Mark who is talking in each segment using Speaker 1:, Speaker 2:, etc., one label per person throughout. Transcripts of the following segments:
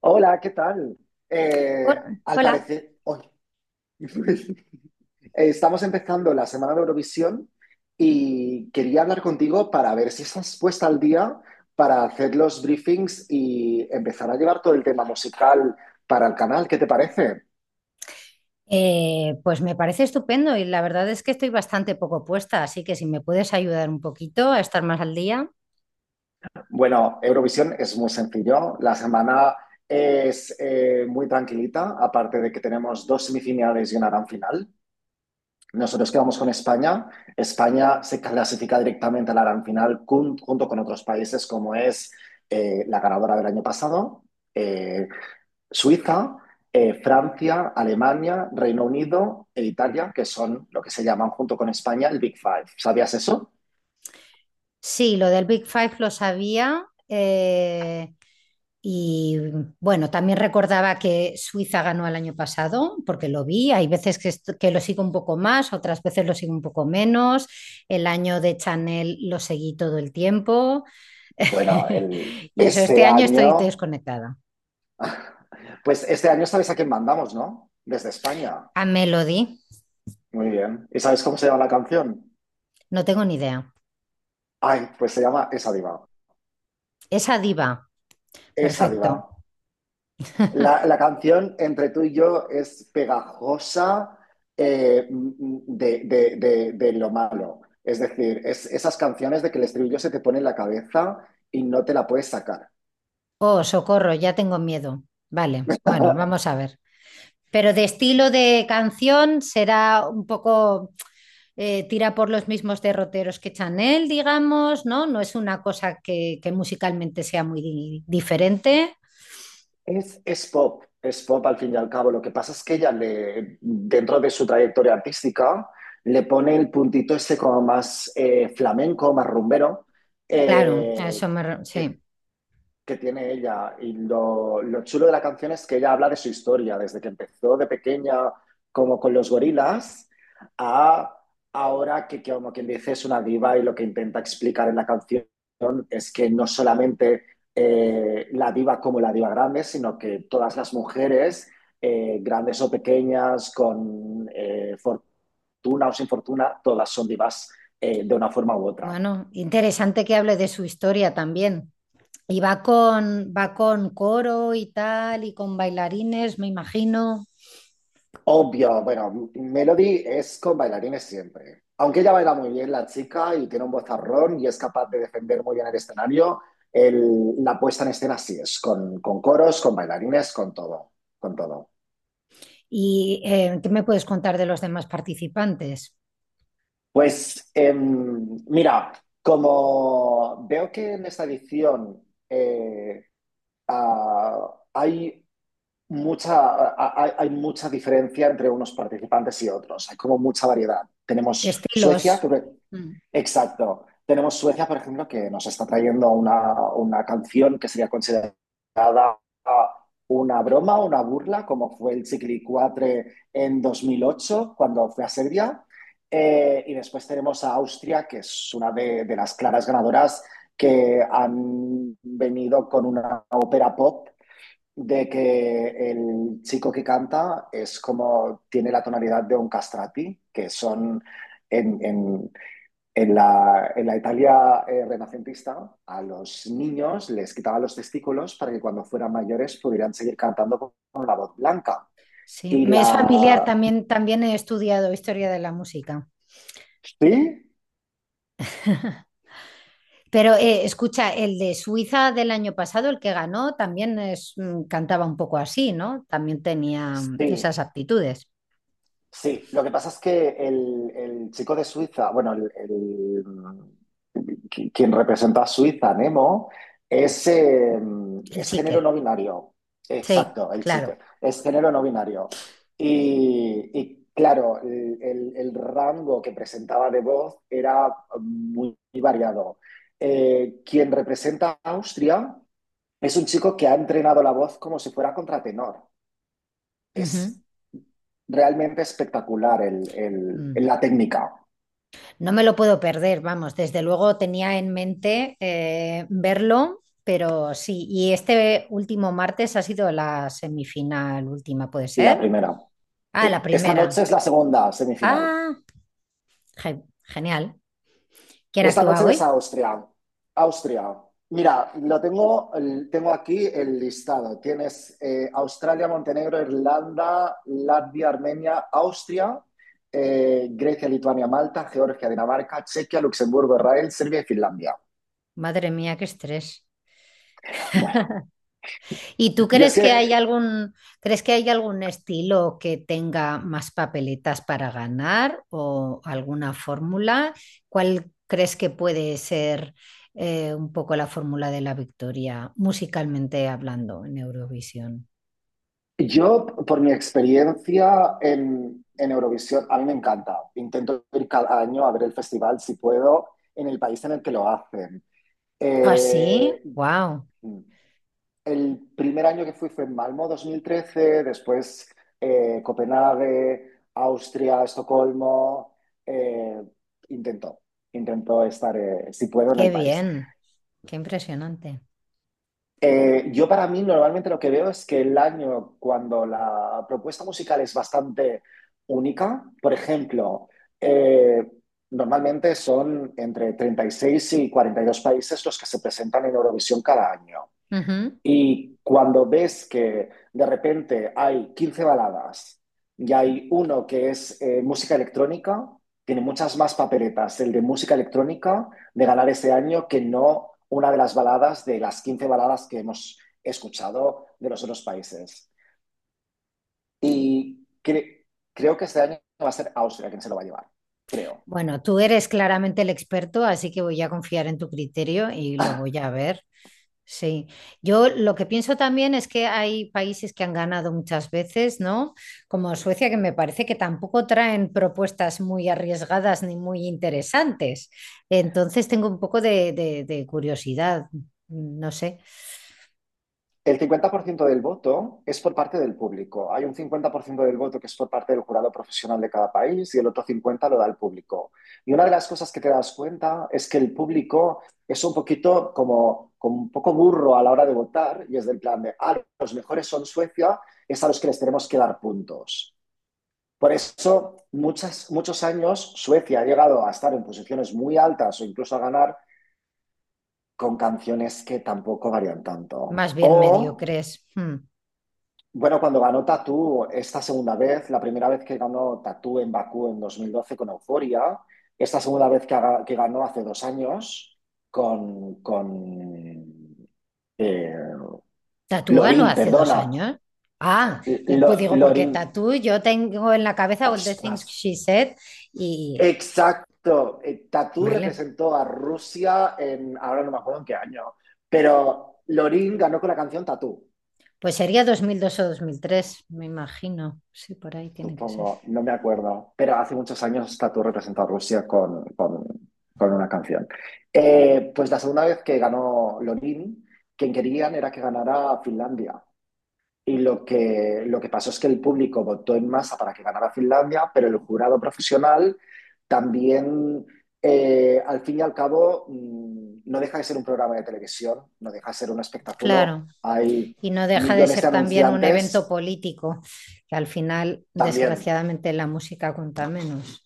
Speaker 1: Hola, ¿qué tal?
Speaker 2: Hola.
Speaker 1: Al
Speaker 2: Hola.
Speaker 1: parecer, hoy estamos empezando la semana de Eurovisión y quería hablar contigo para ver si estás puesta al día para hacer los briefings y empezar a llevar todo el tema musical para el canal. ¿Qué te parece?
Speaker 2: Pues me parece estupendo y la verdad es que estoy bastante poco puesta, así que si me puedes ayudar un poquito a estar más al día.
Speaker 1: Bueno, Eurovisión es muy sencillo. La semana es muy tranquilita, aparte de que tenemos dos semifinales y una gran final. Nosotros quedamos con España. España se clasifica directamente a la gran final junto con otros países como es la ganadora del año pasado, eh, Suiza, Francia, Alemania, Reino Unido e Italia, que son lo que se llaman junto con España el Big Five. ¿Sabías eso?
Speaker 2: Sí, lo del Big Five lo sabía, y bueno, también recordaba que Suiza ganó el año pasado porque lo vi. Hay veces que lo sigo un poco más, otras veces lo sigo un poco menos. El año de Chanel lo seguí todo el tiempo
Speaker 1: Bueno,
Speaker 2: y eso, este
Speaker 1: este
Speaker 2: año estoy
Speaker 1: año,
Speaker 2: desconectada.
Speaker 1: pues este año sabes a quién mandamos, ¿no? Desde España.
Speaker 2: A Melody,
Speaker 1: Muy bien. ¿Y sabes cómo se llama la canción?
Speaker 2: no tengo ni idea.
Speaker 1: Ay, pues se llama Esa Diva.
Speaker 2: Esa diva.
Speaker 1: Esa
Speaker 2: Perfecto.
Speaker 1: Diva. La canción entre tú y yo es pegajosa, de lo malo. Es decir, es esas canciones de que el estribillo se te pone en la cabeza y no te la puedes sacar.
Speaker 2: Oh, socorro, ya tengo miedo. Vale, bueno, vamos a ver. Pero de estilo de canción será un poco, tira por los mismos derroteros que Chanel, digamos, ¿no? No es una cosa que musicalmente sea muy diferente.
Speaker 1: Es pop, es pop al fin y al cabo. Lo que pasa es que ella, dentro de su trayectoria artística, le pone el puntito ese como más flamenco, más rumbero,
Speaker 2: Claro, a
Speaker 1: eh,
Speaker 2: eso me
Speaker 1: que
Speaker 2: sí.
Speaker 1: que tiene ella. Y lo chulo de la canción es que ella habla de su historia, desde que empezó de pequeña como con los gorilas a ahora que, como quien dice es una diva, y lo que intenta explicar en la canción es que no solamente la diva como la diva grande, sino que todas las mujeres, grandes o pequeñas, con fortuna o sin fortuna, todas son divas de una forma u otra.
Speaker 2: Bueno, interesante que hable de su historia también. Y va con coro y tal, y con bailarines, me imagino.
Speaker 1: Obvio, bueno, Melody es con bailarines siempre. Aunque ella baila muy bien, la chica, y tiene un vozarrón y es capaz de defender muy bien el escenario, la puesta en escena sí es, con, coros, con bailarines, con todo, con todo.
Speaker 2: ¿Y qué me puedes contar de los demás participantes?
Speaker 1: Pues mira, como veo que en esta edición eh, ah, hay mucha, hay mucha diferencia entre unos participantes y otros, hay como mucha variedad.
Speaker 2: ¿Qué
Speaker 1: Tenemos
Speaker 2: estilos?
Speaker 1: Suecia. Que
Speaker 2: Mm.
Speaker 1: Exacto. Tenemos Suecia, por ejemplo, que nos está trayendo una, canción que sería considerada una broma, una burla, como fue el Ciclicuatre en 2008, cuando fue a Serbia. Y después tenemos a Austria, que es una de las claras ganadoras, que han venido con una ópera pop de que el chico que canta es como tiene la tonalidad de un castrati, que son en, en- en la Italia renacentista, a los niños les quitaban los testículos para que cuando fueran mayores pudieran seguir cantando con, la voz blanca.
Speaker 2: Sí,
Speaker 1: Y
Speaker 2: me es familiar,
Speaker 1: la...
Speaker 2: también, también he estudiado historia de la música.
Speaker 1: ¿Sí?
Speaker 2: Pero escucha, el de Suiza del año pasado, el que ganó, también es, cantaba un poco así, ¿no? También tenía esas
Speaker 1: Sí,
Speaker 2: aptitudes,
Speaker 1: sí. Lo que pasa es que el, chico de Suiza, bueno, el quien representa a Suiza, Nemo, es, eh,
Speaker 2: el
Speaker 1: es género
Speaker 2: chique.
Speaker 1: no binario.
Speaker 2: Sí,
Speaker 1: Exacto, el chico.
Speaker 2: claro.
Speaker 1: Es género no binario. Y claro, el rango que presentaba de voz era muy, muy variado. Quien representa a Austria es un chico que ha entrenado la voz como si fuera contratenor.
Speaker 2: Ujú.
Speaker 1: Es realmente espectacular
Speaker 2: Mm.
Speaker 1: la técnica.
Speaker 2: No me lo puedo perder, vamos, desde luego tenía en mente, verlo, pero sí, y este último martes ha sido la semifinal última, ¿puede
Speaker 1: La
Speaker 2: ser?
Speaker 1: primera.
Speaker 2: Ah, la
Speaker 1: Sí. Esta
Speaker 2: primera.
Speaker 1: noche es la segunda semifinal.
Speaker 2: Ah, genial. ¿Quién
Speaker 1: Esta
Speaker 2: actúa
Speaker 1: noche ves
Speaker 2: hoy?
Speaker 1: a Austria. Austria. Mira, tengo aquí el listado. Tienes Australia, Montenegro, Irlanda, Latvia, Armenia, Austria, Grecia, Lituania, Malta, Georgia, Dinamarca, Chequia, Luxemburgo, Israel, Serbia y Finlandia.
Speaker 2: Madre mía, qué estrés.
Speaker 1: Bueno,
Speaker 2: ¿Y tú
Speaker 1: y es
Speaker 2: crees que hay
Speaker 1: que
Speaker 2: algún estilo que tenga más papeletas para ganar o alguna fórmula? ¿Cuál crees que puede ser, un poco la fórmula de la victoria musicalmente hablando en Eurovisión?
Speaker 1: yo, por mi experiencia en Eurovisión, a mí me encanta. Intento ir cada año a ver el festival si puedo en el país en el que lo hacen.
Speaker 2: Ah, sí,
Speaker 1: Eh,
Speaker 2: wow,
Speaker 1: el primer año que fui fue en Malmo, 2013, después Copenhague, Austria, Estocolmo. eh, intento, intento estar, si puedo, en
Speaker 2: qué
Speaker 1: el país.
Speaker 2: bien, qué impresionante.
Speaker 1: Yo para mí normalmente lo que veo es que el año cuando la propuesta musical es bastante única. Por ejemplo, eh, normalmente son entre 36 y 42 países los que se presentan en Eurovisión cada año.
Speaker 2: Ujú.
Speaker 1: Y cuando ves que de repente hay 15 baladas y hay uno que es música electrónica, tiene muchas más papeletas el de música electrónica de ganar este año que no una de las baladas de las 15 baladas que hemos escuchado de los otros países. Y creo que este año va a ser Austria quien se lo va a llevar, creo.
Speaker 2: Bueno, tú eres claramente el experto, así que voy a confiar en tu criterio y lo voy a ver. Sí, yo lo que pienso también es que hay países que han ganado muchas veces, ¿no? Como Suecia, que me parece que tampoco traen propuestas muy arriesgadas ni muy interesantes. Entonces tengo un poco de curiosidad, no sé,
Speaker 1: El 50% del voto es por parte del público. Hay un 50% del voto que es por parte del jurado profesional de cada país, y el otro 50% lo da el público. Y una de las cosas que te das cuenta es que el público es un poquito como, como un poco burro a la hora de votar, y es del plan de, ah, los mejores son Suecia, es a los que les tenemos que dar puntos. Por eso, muchos años Suecia ha llegado a estar en posiciones muy altas o incluso a ganar con canciones que tampoco varían tanto.
Speaker 2: más bien
Speaker 1: O
Speaker 2: mediocres. Hmm.
Speaker 1: Bueno, cuando ganó Tatú esta segunda vez, la primera vez que ganó Tatú en Bakú en 2012 con Euforia, esta segunda vez que ganó hace 2 años con, eh,
Speaker 2: ¿Tatú ganó
Speaker 1: Lorín,
Speaker 2: hace dos
Speaker 1: perdona.
Speaker 2: años? Ah, pues digo, porque
Speaker 1: Lorín,
Speaker 2: Tatú yo tengo en la cabeza All the Things
Speaker 1: ostras,
Speaker 2: She Said y,
Speaker 1: exacto. Tatú
Speaker 2: vale,
Speaker 1: representó a Rusia, ahora no me acuerdo en qué año, pero Lorin ganó con la canción Tatú.
Speaker 2: pues sería 2002 o 2003, me imagino. Sí, por ahí tiene que ser.
Speaker 1: Supongo, no me acuerdo, pero hace muchos años Tatu representó a Rusia con, con una canción. Pues la segunda vez que ganó Lorin, quien querían era que ganara Finlandia. Y lo que pasó es que el público votó en masa para que ganara Finlandia, pero el jurado profesional también, al fin y al cabo, no deja de ser un programa de televisión, no deja de ser un espectáculo.
Speaker 2: Claro,
Speaker 1: Hay
Speaker 2: y no deja de
Speaker 1: millones
Speaker 2: ser
Speaker 1: de
Speaker 2: también un evento
Speaker 1: anunciantes
Speaker 2: político, que al final,
Speaker 1: también.
Speaker 2: desgraciadamente, la música cuenta menos.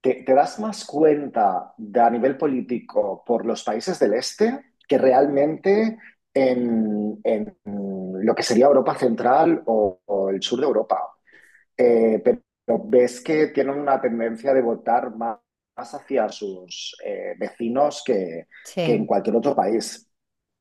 Speaker 1: ¿Te das más cuenta de, a nivel político, por los países del este que realmente en lo que sería Europa Central o el sur de Europa? Pero ves que tienen una tendencia de votar más hacia sus vecinos, que en
Speaker 2: Sí,
Speaker 1: cualquier otro país.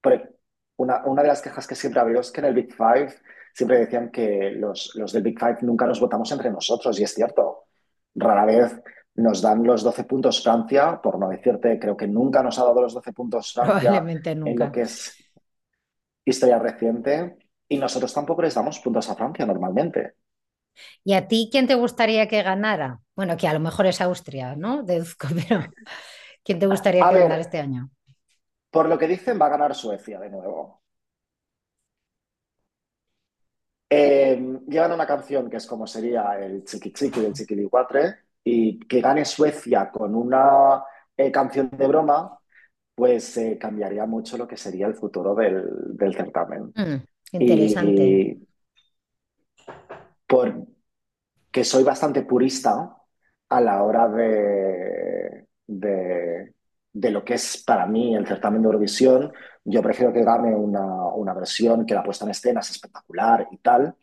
Speaker 1: Por- una de las quejas que siempre ha habido es que en el Big Five siempre decían que los del Big Five nunca nos votamos entre nosotros, y es cierto. Rara vez nos dan los 12 puntos Francia, por no decirte, creo que nunca nos ha dado los 12 puntos Francia
Speaker 2: probablemente
Speaker 1: en lo
Speaker 2: nunca.
Speaker 1: que es historia reciente, y nosotros tampoco les damos puntos a Francia normalmente.
Speaker 2: ¿Y a ti quién te gustaría que ganara? Bueno, que a lo mejor es Austria, ¿no? Deduzco, pero ¿quién te gustaría
Speaker 1: A
Speaker 2: que ganara
Speaker 1: ver.
Speaker 2: este año?
Speaker 1: Por lo que dicen, va a ganar Suecia de nuevo. Llevan una canción que es como sería el Chiqui Chiqui del Chiquilicuatre, y que gane Suecia con una canción de broma, pues cambiaría mucho lo que sería el futuro del certamen.
Speaker 2: Mm, interesante,
Speaker 1: Y por, que soy bastante purista a la hora de lo que es para mí el certamen de Eurovisión. Yo prefiero que gane una, versión que la puesta en escena es espectacular y tal,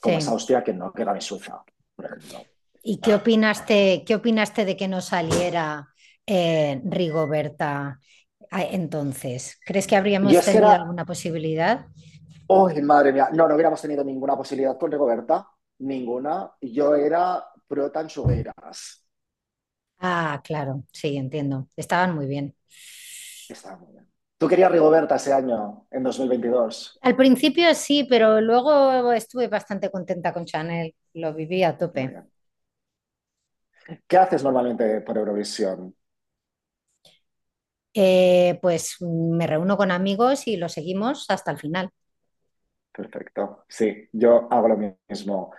Speaker 1: como es Austria, que no que gane Suiza, por ejemplo.
Speaker 2: ¿Y qué opinaste de que no saliera, Rigoberta, entonces? ¿Crees que
Speaker 1: Y
Speaker 2: habríamos
Speaker 1: es que
Speaker 2: tenido
Speaker 1: era,
Speaker 2: alguna posibilidad?
Speaker 1: ¡oh, madre mía! No, no hubiéramos tenido ninguna posibilidad con Rigoberta, ninguna. Yo era pro Tanchugueras.
Speaker 2: Ah, claro, sí, entiendo. Estaban muy bien.
Speaker 1: Está muy bien. ¿Tú querías Rigoberta ese año, en 2022?
Speaker 2: Al principio sí, pero luego estuve bastante contenta con Chanel, lo viví a
Speaker 1: Muy
Speaker 2: tope.
Speaker 1: bien. ¿Qué haces normalmente por Eurovisión?
Speaker 2: Pues me reúno con amigos y lo seguimos hasta el final.
Speaker 1: Perfecto. Sí, yo hago lo mismo.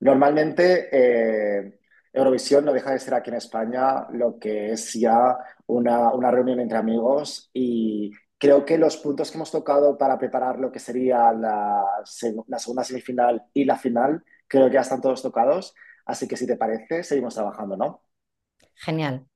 Speaker 1: Normalmente Eurovisión no deja de ser aquí en España lo que es ya una, reunión entre amigos, y creo que los puntos que hemos tocado para preparar lo que sería la, la segunda semifinal y la final, creo que ya están todos tocados. Así que si te parece, seguimos trabajando, ¿no?
Speaker 2: Genial.